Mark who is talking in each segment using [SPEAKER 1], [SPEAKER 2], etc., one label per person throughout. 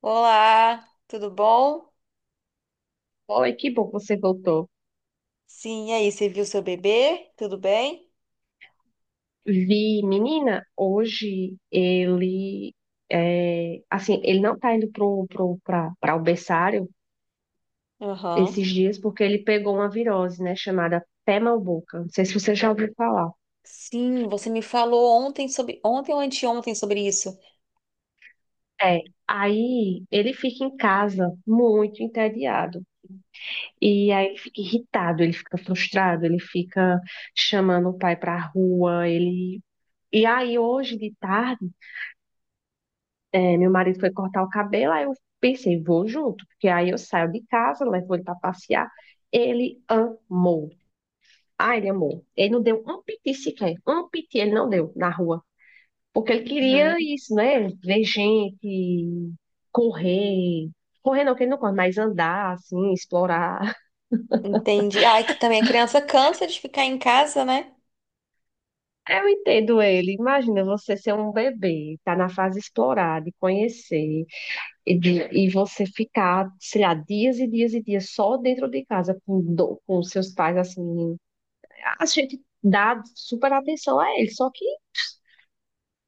[SPEAKER 1] Olá, tudo bom?
[SPEAKER 2] Oi, que bom que você voltou.
[SPEAKER 1] Sim, e aí, você viu seu bebê? Tudo bem?
[SPEAKER 2] Vi, menina, hoje ele, é, assim, ele não tá indo pra o berçário
[SPEAKER 1] Aham.
[SPEAKER 2] esses dias porque ele pegou uma virose, né, chamada pé mal boca. Não sei se você já ouviu falar.
[SPEAKER 1] Sim, você me falou ontem sobre, ontem ou anteontem sobre isso.
[SPEAKER 2] É, aí ele fica em casa muito entediado. E aí ele fica irritado, ele fica frustrado, ele fica chamando o pai pra rua, ele... E aí hoje de tarde é, meu marido foi cortar o cabelo, aí eu pensei, vou junto, porque aí eu saio de casa, levo ele para passear. Ele amou. Ah, ele amou. Ele não deu um piti sequer, um piti ele não deu na rua, porque ele queria
[SPEAKER 1] Uhum.
[SPEAKER 2] isso, né? Ver gente, correr. Correr não, que ele não corre, mas andar, assim, explorar.
[SPEAKER 1] Entendi. Ai, que também a criança cansa de ficar em casa, né?
[SPEAKER 2] Eu entendo ele. Imagina você ser um bebê, tá na fase de explorar, de conhecer. E, e você ficar, sei lá, dias e dias e dias só dentro de casa com seus pais, assim, a gente dá super atenção a eles, só que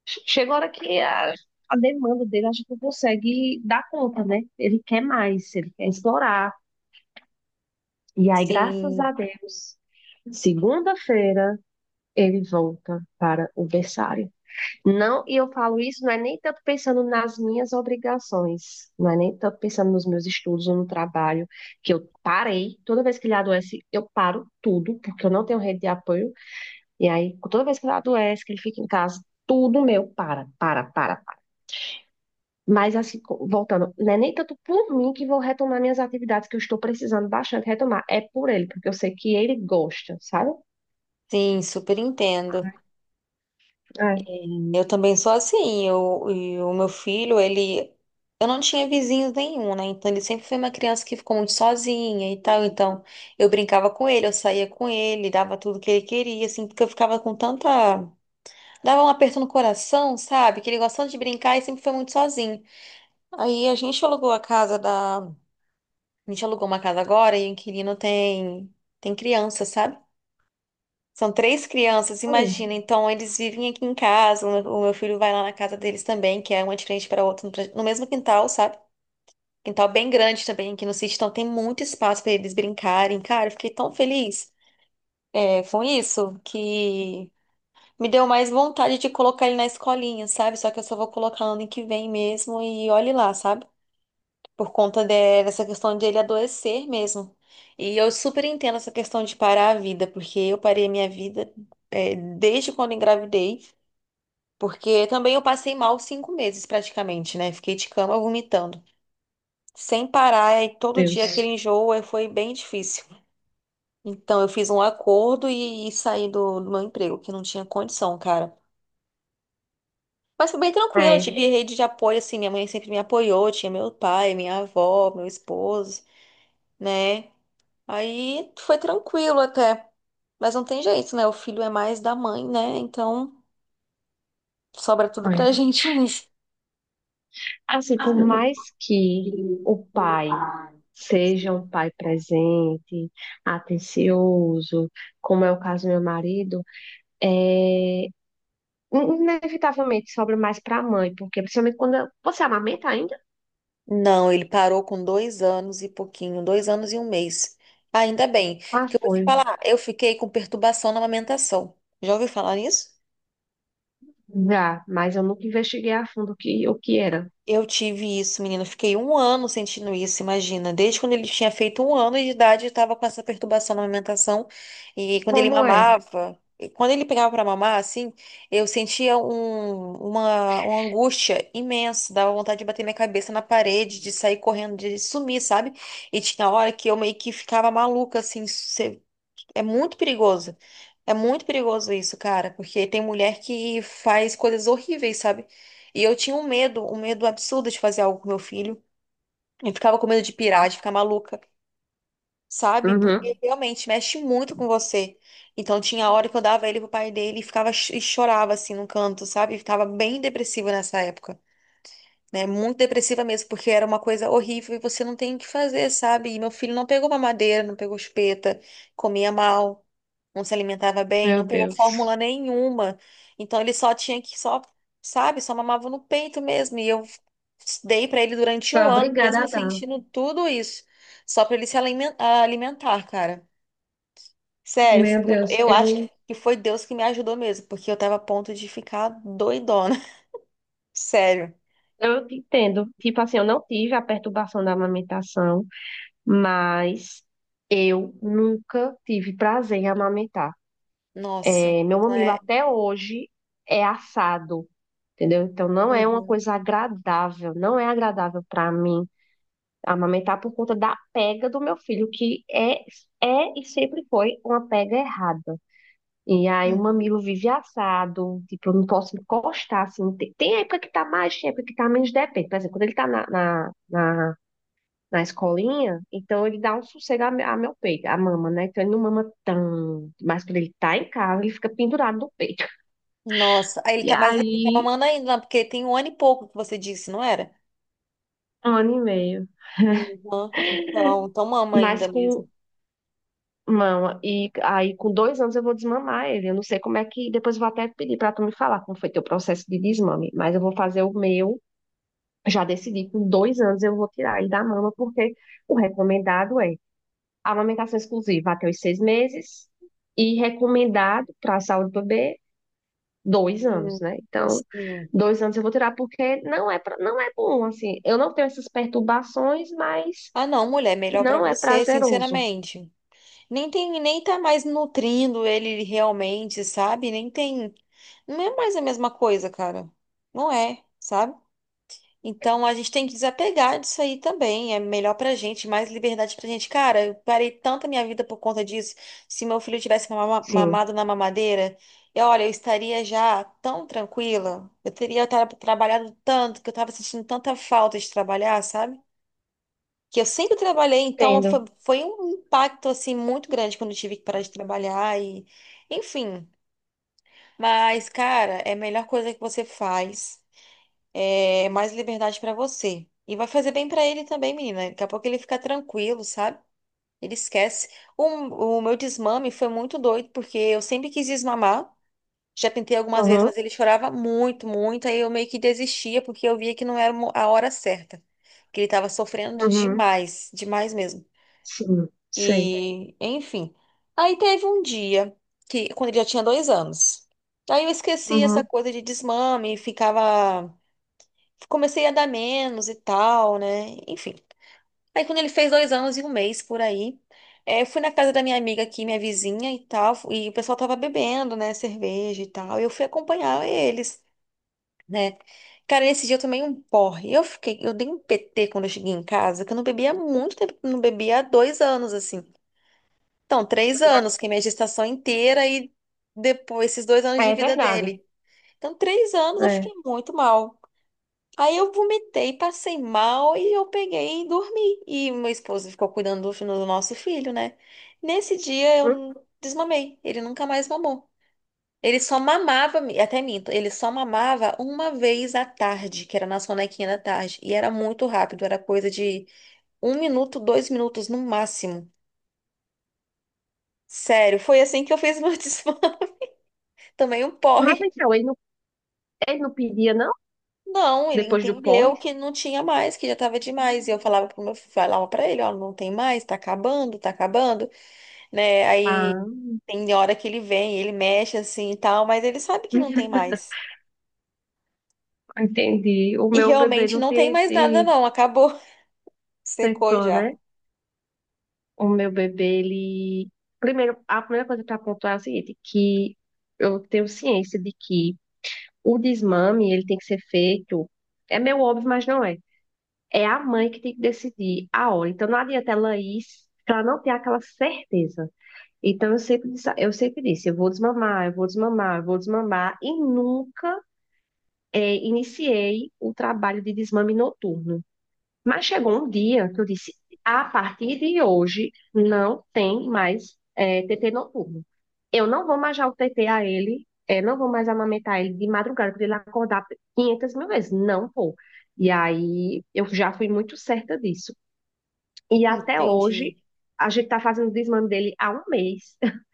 [SPEAKER 2] chega a hora que a demanda dele a gente não consegue dar conta, né? Ele quer mais, ele quer explorar. E aí, graças
[SPEAKER 1] Sim,
[SPEAKER 2] a Deus, segunda-feira ele volta para o berçário. Não, e eu falo isso não é nem tanto pensando nas minhas obrigações, não é nem tanto pensando nos meus estudos ou no trabalho, que eu parei, toda vez que ele adoece, eu paro tudo, porque eu não tenho rede de apoio, e aí toda vez que ele adoece, que ele fica em casa, tudo meu para. Mas assim, voltando, não é nem tanto por mim que vou retomar minhas atividades que eu estou precisando bastante retomar, é por ele, porque eu sei que ele gosta, sabe?
[SPEAKER 1] sim, super entendo.
[SPEAKER 2] É.
[SPEAKER 1] Eu também sou assim. Eu, e o meu filho, ele. Eu não tinha vizinhos nenhum, né? Então ele sempre foi uma criança que ficou muito sozinha e tal. Então eu brincava com ele, eu saía com ele, dava tudo que ele queria, assim, porque eu ficava com tanta. Dava um aperto no coração, sabe? Que ele gostava de brincar e sempre foi muito sozinho. Aí a gente alugou a casa da. A gente alugou uma casa agora e o inquilino tem. Tem criança, sabe? São três crianças,
[SPEAKER 2] Oh,
[SPEAKER 1] imagina. Então, eles vivem aqui em casa. O meu filho vai lá na casa deles também, que é uma de frente para outra, no mesmo quintal, sabe? Quintal bem grande também aqui no sítio, então tem muito espaço para eles brincarem. Cara, eu fiquei tão feliz com isso que me deu mais vontade de colocar ele na escolinha, sabe? Só que eu só vou colocar ano que vem mesmo e olhe lá, sabe? Por conta de- dessa questão de ele adoecer mesmo. E eu super entendo essa questão de parar a vida, porque eu parei a minha vida desde quando engravidei, porque também eu passei mal 5 meses praticamente, né? Fiquei de cama vomitando. Sem parar, e todo dia aquele
[SPEAKER 2] Deus.
[SPEAKER 1] enjoo foi bem difícil. Então eu fiz um acordo e, e saí do meu emprego, que não tinha condição, cara. Mas foi bem tranquilo, eu
[SPEAKER 2] É,
[SPEAKER 1] tive rede de apoio, assim, minha mãe sempre me apoiou, tinha meu pai, minha avó, meu esposo, né? Aí foi tranquilo até. Mas não tem jeito, né? O filho é mais da mãe, né? Então sobra tudo
[SPEAKER 2] é.
[SPEAKER 1] pra gente mesmo.
[SPEAKER 2] Assim, por mais que o pai seja um pai presente, atencioso, como é o caso do meu marido, é inevitavelmente sobra mais para a mãe, porque principalmente quando você amamenta ainda?
[SPEAKER 1] Não, ele parou com 2 anos e pouquinho, 2 anos e 1 mês. Ainda bem,
[SPEAKER 2] Ah,
[SPEAKER 1] porque eu vou te
[SPEAKER 2] foi,
[SPEAKER 1] falar, eu fiquei com perturbação na amamentação. Já ouviu falar nisso?
[SPEAKER 2] já, mas eu nunca investiguei a fundo o que era.
[SPEAKER 1] Eu tive isso, menina. Eu fiquei um ano sentindo isso, imagina. Desde quando ele tinha feito 1 ano de idade, eu estava com essa perturbação na alimentação. E quando ele
[SPEAKER 2] Como é?
[SPEAKER 1] mamava, e quando ele pegava para mamar, assim, eu sentia uma angústia imensa. Dava vontade de bater minha cabeça na parede, de sair correndo, de sumir, sabe? E tinha hora que eu meio que ficava maluca, assim, é muito perigoso. É muito perigoso isso, cara, porque tem mulher que faz coisas horríveis, sabe? E eu tinha um medo absurdo de fazer algo com meu filho. Eu ficava com medo de
[SPEAKER 2] Já.
[SPEAKER 1] pirar, de ficar maluca, sabe? Porque
[SPEAKER 2] Uhum.
[SPEAKER 1] realmente mexe muito com você. Então tinha hora que eu dava ele pro pai dele e ficava e chorava assim no canto, sabe? Ficava bem depressiva nessa época, né? Muito depressiva mesmo, porque era uma coisa horrível e você não tem o que fazer, sabe? E meu filho não pegou mamadeira, não pegou chupeta, comia mal, não se alimentava bem, não
[SPEAKER 2] Meu
[SPEAKER 1] pegou
[SPEAKER 2] Deus.
[SPEAKER 1] fórmula nenhuma. Então ele só tinha que só, sabe, só mamava no peito mesmo. E eu dei pra ele durante
[SPEAKER 2] Foi
[SPEAKER 1] um ano,
[SPEAKER 2] obrigada
[SPEAKER 1] mesmo
[SPEAKER 2] a dar.
[SPEAKER 1] sentindo tudo isso, só pra ele se alimentar, cara. Sério,
[SPEAKER 2] Meu Deus,
[SPEAKER 1] eu acho
[SPEAKER 2] eu,
[SPEAKER 1] que foi Deus que me ajudou mesmo, porque eu tava a ponto de ficar doidona. Sério.
[SPEAKER 2] eu te entendo. Tipo assim, eu não tive a perturbação da amamentação, mas eu nunca tive prazer em amamentar.
[SPEAKER 1] Nossa.
[SPEAKER 2] É, meu
[SPEAKER 1] Não
[SPEAKER 2] mamilo
[SPEAKER 1] é.
[SPEAKER 2] até hoje é assado, entendeu? Então não é uma
[SPEAKER 1] Uhum.
[SPEAKER 2] coisa agradável, não é agradável para mim amamentar por conta da pega do meu filho, que é e sempre foi uma pega errada. E aí o mamilo vive assado, tipo, eu não posso encostar, assim, tem época que tá mais, tem época que tá menos, depende. Por exemplo, quando ele tá na escolinha, então ele dá um sossego a meu peito, a mama, né? Então ele não mama tanto, mas quando ele tá em casa, ele fica pendurado no peito.
[SPEAKER 1] Nossa, aí ele
[SPEAKER 2] E
[SPEAKER 1] tá, mas ele tá
[SPEAKER 2] aí,
[SPEAKER 1] mamando ainda, né? Porque tem um ano e pouco que você disse, não era?
[SPEAKER 2] 1 ano e meio.
[SPEAKER 1] Uhum. Então, então mama
[SPEAKER 2] Mas
[SPEAKER 1] ainda mesmo.
[SPEAKER 2] com mama, e aí com 2 anos eu vou desmamar ele. Eu não sei como é que. Depois eu vou até pedir pra tu me falar como foi teu processo de desmame, mas eu vou fazer o meu. Já decidi, com dois anos eu vou tirar ele da mama, porque o recomendado é amamentação exclusiva até os 6 meses. E recomendado para a saúde do bebê 2 anos,
[SPEAKER 1] Hum,
[SPEAKER 2] né? Então,
[SPEAKER 1] sim.
[SPEAKER 2] 2 anos eu vou tirar porque não é, não é bom, assim. Eu não tenho essas perturbações, mas
[SPEAKER 1] Ah, não, mulher, melhor pra
[SPEAKER 2] não é
[SPEAKER 1] você,
[SPEAKER 2] prazeroso.
[SPEAKER 1] sinceramente. Nem tem, nem tá mais nutrindo ele realmente, sabe? Nem tem, não é mais a mesma coisa, cara. Não é, sabe? Então a gente tem que desapegar disso aí também. É melhor pra gente, mais liberdade pra gente. Cara, eu parei tanta minha vida por conta disso. Se meu filho tivesse
[SPEAKER 2] Sim,
[SPEAKER 1] mamado na mamadeira, eu, olha, eu estaria já tão tranquila. Eu teria trabalhado tanto, que eu tava sentindo tanta falta de trabalhar, sabe? Que eu sempre trabalhei, então
[SPEAKER 2] entendo.
[SPEAKER 1] foi, foi um impacto assim muito grande quando eu tive que parar de trabalhar e enfim. Mas, cara, é a melhor coisa que você faz é, mais liberdade pra você. E vai fazer bem pra ele também, menina. Daqui a pouco ele fica tranquilo, sabe? Ele esquece. O, o meu desmame foi muito doido, porque eu sempre quis desmamar. Já tentei algumas vezes,
[SPEAKER 2] Uhum,
[SPEAKER 1] mas ele chorava muito, muito. Aí eu meio que desistia, porque eu via que não era a hora certa. Que ele tava sofrendo
[SPEAKER 2] uhum,
[SPEAKER 1] demais, demais mesmo.
[SPEAKER 2] sim, sei.
[SPEAKER 1] E, enfim. Aí teve um dia, que quando ele já tinha 2 anos. Aí eu esqueci essa
[SPEAKER 2] Uhum.
[SPEAKER 1] coisa de desmame, ficava comecei a dar menos e tal, né? Enfim. Aí quando ele fez 2 anos e 1 mês por aí, eu fui na casa da minha amiga aqui, minha vizinha e tal, e o pessoal tava bebendo, né, cerveja e tal, e eu fui acompanhar eles, né? Cara, nesse dia eu tomei um porre. Eu fiquei, eu dei um PT quando eu cheguei em casa, que eu não bebia há muito tempo, que eu não bebia há 2 anos, assim. Então, 3 anos, que é minha gestação inteira e depois esses 2 anos de
[SPEAKER 2] É
[SPEAKER 1] vida
[SPEAKER 2] verdade.
[SPEAKER 1] dele. Então, 3 anos eu
[SPEAKER 2] É.
[SPEAKER 1] fiquei muito mal. Aí eu vomitei, passei mal e eu peguei e dormi. E meu esposo ficou cuidando do, do nosso filho, né? Nesse dia
[SPEAKER 2] Hum?
[SPEAKER 1] eu desmamei. Ele nunca mais mamou. Ele só mamava, até minto, ele só mamava uma vez à tarde, que era na sonequinha da tarde. E era muito rápido, era coisa de 1 minuto, 2 minutos no máximo. Sério, foi assim que eu fiz meu desmame. Também um
[SPEAKER 2] Mas
[SPEAKER 1] porre.
[SPEAKER 2] então, ele não pedia, não?
[SPEAKER 1] Não, ele
[SPEAKER 2] Depois do
[SPEAKER 1] entendeu
[SPEAKER 2] pós?
[SPEAKER 1] que não tinha mais, que já tava demais. E eu falava pro meu falava para ele, ó, não tem mais, tá acabando, né? Aí
[SPEAKER 2] Ah,
[SPEAKER 1] tem hora que ele vem, ele mexe assim e tal, mas ele sabe que não tem mais.
[SPEAKER 2] entendi. O
[SPEAKER 1] E
[SPEAKER 2] meu bebê
[SPEAKER 1] realmente
[SPEAKER 2] não
[SPEAKER 1] não tem
[SPEAKER 2] tem
[SPEAKER 1] mais nada,
[SPEAKER 2] esse,
[SPEAKER 1] não, acabou, secou
[SPEAKER 2] esse
[SPEAKER 1] já.
[SPEAKER 2] né? O meu bebê, ele. Primeiro, a primeira coisa para pontuar é o seguinte, que eu tenho ciência de que o desmame, ele tem que ser feito. É meio óbvio, mas não é. É a mãe que tem que decidir a hora. Então, não adianta ela ir se ela não ter aquela certeza. Então, eu sempre disse, eu vou desmamar, eu vou desmamar, eu vou desmamar. E nunca iniciei o trabalho de desmame noturno. Mas chegou um dia que eu disse: a partir de hoje não tem mais TT noturno. Eu não vou mais dar o TT a ele, é, não vou mais amamentar ele de madrugada para ele acordar 500 mil vezes. Não vou. E aí eu já fui muito certa disso. E até
[SPEAKER 1] Entendi.
[SPEAKER 2] hoje a gente está fazendo o desmame dele há 1 mês.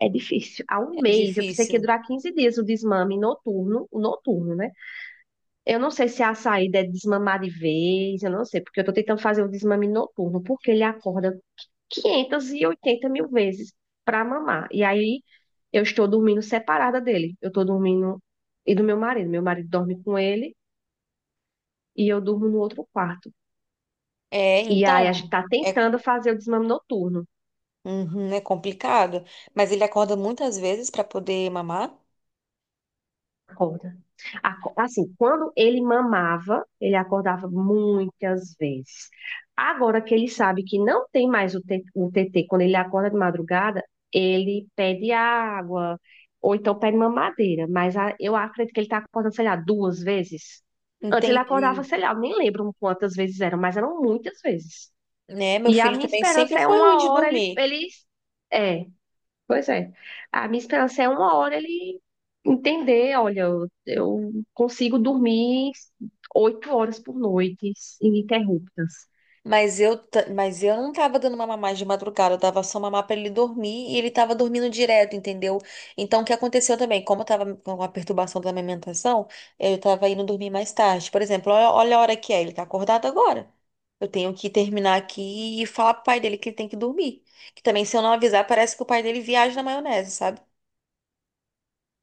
[SPEAKER 2] É difícil. Há um
[SPEAKER 1] É
[SPEAKER 2] mês. Eu pensei que ia
[SPEAKER 1] difícil.
[SPEAKER 2] durar 15 dias o desmame noturno, né? Eu não sei se a saída é desmamar de vez, eu não sei, porque eu tô tentando fazer o desmame noturno, porque ele acorda 580 mil vezes pra mamar. E aí eu estou dormindo separada dele. Eu tô dormindo e do meu marido. Meu marido dorme com ele e eu durmo no outro quarto.
[SPEAKER 1] É,
[SPEAKER 2] E aí a gente
[SPEAKER 1] então,
[SPEAKER 2] tá
[SPEAKER 1] é,
[SPEAKER 2] tentando
[SPEAKER 1] co-
[SPEAKER 2] fazer o desmame noturno.
[SPEAKER 1] uhum, é complicado, mas ele acorda muitas vezes para poder mamar.
[SPEAKER 2] Acorda. Assim, quando ele mamava, ele acordava muitas vezes. Agora que ele sabe que não tem mais o TT, quando ele acorda de madrugada, ele pede água, ou então pede mamadeira. Mas eu acredito que ele está acordando, sei lá, 2 vezes. Antes ele acordava,
[SPEAKER 1] Entendi.
[SPEAKER 2] sei lá, eu nem lembro quantas vezes eram, mas eram muitas vezes.
[SPEAKER 1] Né? Meu
[SPEAKER 2] E a
[SPEAKER 1] filho
[SPEAKER 2] minha
[SPEAKER 1] também sempre
[SPEAKER 2] esperança é
[SPEAKER 1] foi ruim
[SPEAKER 2] uma
[SPEAKER 1] de
[SPEAKER 2] hora ele,
[SPEAKER 1] dormir.
[SPEAKER 2] ele, é, Pois é. A minha esperança é uma hora ele entender, olha, eu consigo dormir 8 horas por noite, ininterruptas.
[SPEAKER 1] Mas eu não tava dando mamar mais de madrugada, eu dava só mamar pra ele dormir e ele tava dormindo direto, entendeu? Então o que aconteceu também? Como eu tava com uma perturbação da amamentação, eu tava indo dormir mais tarde. Por exemplo, olha, olha a hora que é, ele tá acordado agora. Eu tenho que terminar aqui e falar pro pai dele que ele tem que dormir. Que também, se eu não avisar, parece que o pai dele viaja na maionese, sabe?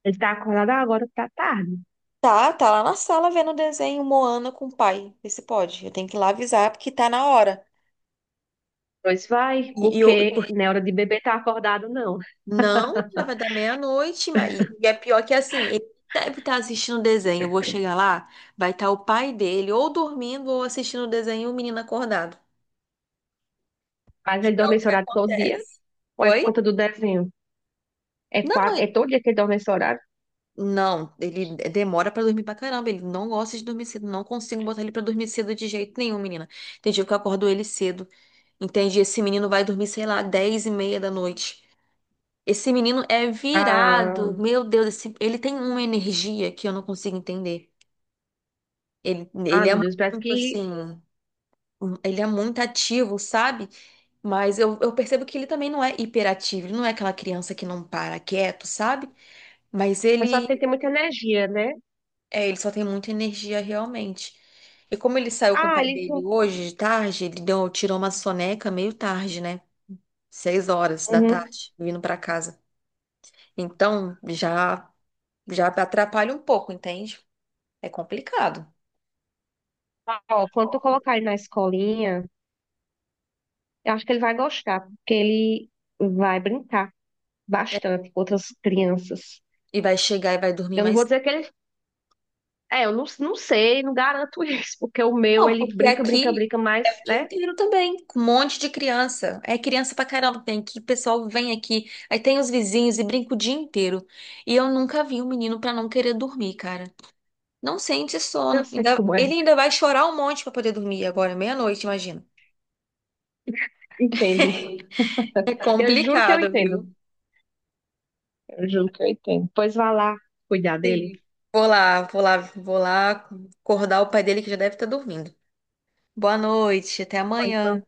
[SPEAKER 2] Ele tá acordado. "Ah, agora, tá tarde."
[SPEAKER 1] Tá, tá lá na sala vendo o desenho Moana com o pai. Vê se pode. Eu tenho que ir lá avisar porque tá na hora.
[SPEAKER 2] Pois vai,
[SPEAKER 1] E eu,
[SPEAKER 2] porque
[SPEAKER 1] por
[SPEAKER 2] não é hora de beber tá acordado, não.
[SPEAKER 1] Não, já vai dar meia-noite, mas... e é pior que assim, ele deve estar assistindo o desenho. Eu vou chegar lá, vai estar o pai dele ou dormindo ou assistindo o desenho e o menino acordado.
[SPEAKER 2] Mas
[SPEAKER 1] Que
[SPEAKER 2] ele
[SPEAKER 1] é
[SPEAKER 2] dorme
[SPEAKER 1] o
[SPEAKER 2] esse
[SPEAKER 1] que
[SPEAKER 2] horário todo dia,
[SPEAKER 1] acontece.
[SPEAKER 2] ou é por
[SPEAKER 1] Oi?
[SPEAKER 2] conta do desenho? É,
[SPEAKER 1] Não,
[SPEAKER 2] é todo dia que ele dorme esse horário?
[SPEAKER 1] não, ele demora pra dormir pra caramba. Ele não gosta de dormir cedo. Não consigo botar ele pra dormir cedo de jeito nenhum, menina. Tem dia que eu acordo ele cedo. Entendi. Esse menino vai dormir, sei lá, 10:30 da noite. Esse menino é
[SPEAKER 2] Ah,
[SPEAKER 1] virado. Meu Deus, ele tem uma energia que eu não consigo entender. Ele,
[SPEAKER 2] ah,
[SPEAKER 1] ele é
[SPEAKER 2] meu Deus, parece
[SPEAKER 1] muito
[SPEAKER 2] que
[SPEAKER 1] assim, ele é muito ativo, sabe? Mas eu percebo que ele também não é hiperativo, ele não é aquela criança que não para quieto, sabe? Mas
[SPEAKER 2] é só
[SPEAKER 1] ele,
[SPEAKER 2] ter muita energia, né?
[SPEAKER 1] ele só tem muita energia realmente. E como ele saiu com o
[SPEAKER 2] Ah,
[SPEAKER 1] pai
[SPEAKER 2] ele...
[SPEAKER 1] dele
[SPEAKER 2] tu-
[SPEAKER 1] hoje, de tarde, ele deu, tirou uma soneca meio tarde, né? Seis horas da
[SPEAKER 2] Uhum.
[SPEAKER 1] tarde, vindo pra casa. Então, já, já atrapalha um pouco, entende? É complicado.
[SPEAKER 2] Ó, quando tu colocar ele na escolinha... Eu acho que ele vai gostar, porque ele vai brincar bastante com outras crianças.
[SPEAKER 1] E vai chegar e vai dormir
[SPEAKER 2] Eu não
[SPEAKER 1] mais.
[SPEAKER 2] vou dizer que ele. É, eu não, não sei, não garanto isso, porque o meu,
[SPEAKER 1] Não,
[SPEAKER 2] ele
[SPEAKER 1] porque
[SPEAKER 2] brinca, brinca,
[SPEAKER 1] aqui
[SPEAKER 2] brinca,
[SPEAKER 1] é
[SPEAKER 2] mas,
[SPEAKER 1] o dia
[SPEAKER 2] né?
[SPEAKER 1] inteiro também, com um monte de criança. É criança pra caramba que tem aqui, o pessoal vem aqui, aí tem os vizinhos e brinca o dia inteiro. E eu nunca vi um menino pra não querer dormir, cara. Não sente
[SPEAKER 2] Eu
[SPEAKER 1] sono.
[SPEAKER 2] sei como
[SPEAKER 1] Ele
[SPEAKER 2] é.
[SPEAKER 1] ainda vai chorar um monte pra poder dormir agora, meia-noite, imagina.
[SPEAKER 2] Entendo.
[SPEAKER 1] É
[SPEAKER 2] Eu juro que eu
[SPEAKER 1] complicado,
[SPEAKER 2] entendo.
[SPEAKER 1] viu?
[SPEAKER 2] Eu juro que eu entendo. Pois vá lá cuidar dele.
[SPEAKER 1] Sim. Vou lá, vou lá, vou lá acordar o pai dele que já deve estar dormindo. Boa noite, até
[SPEAKER 2] Ou então
[SPEAKER 1] amanhã.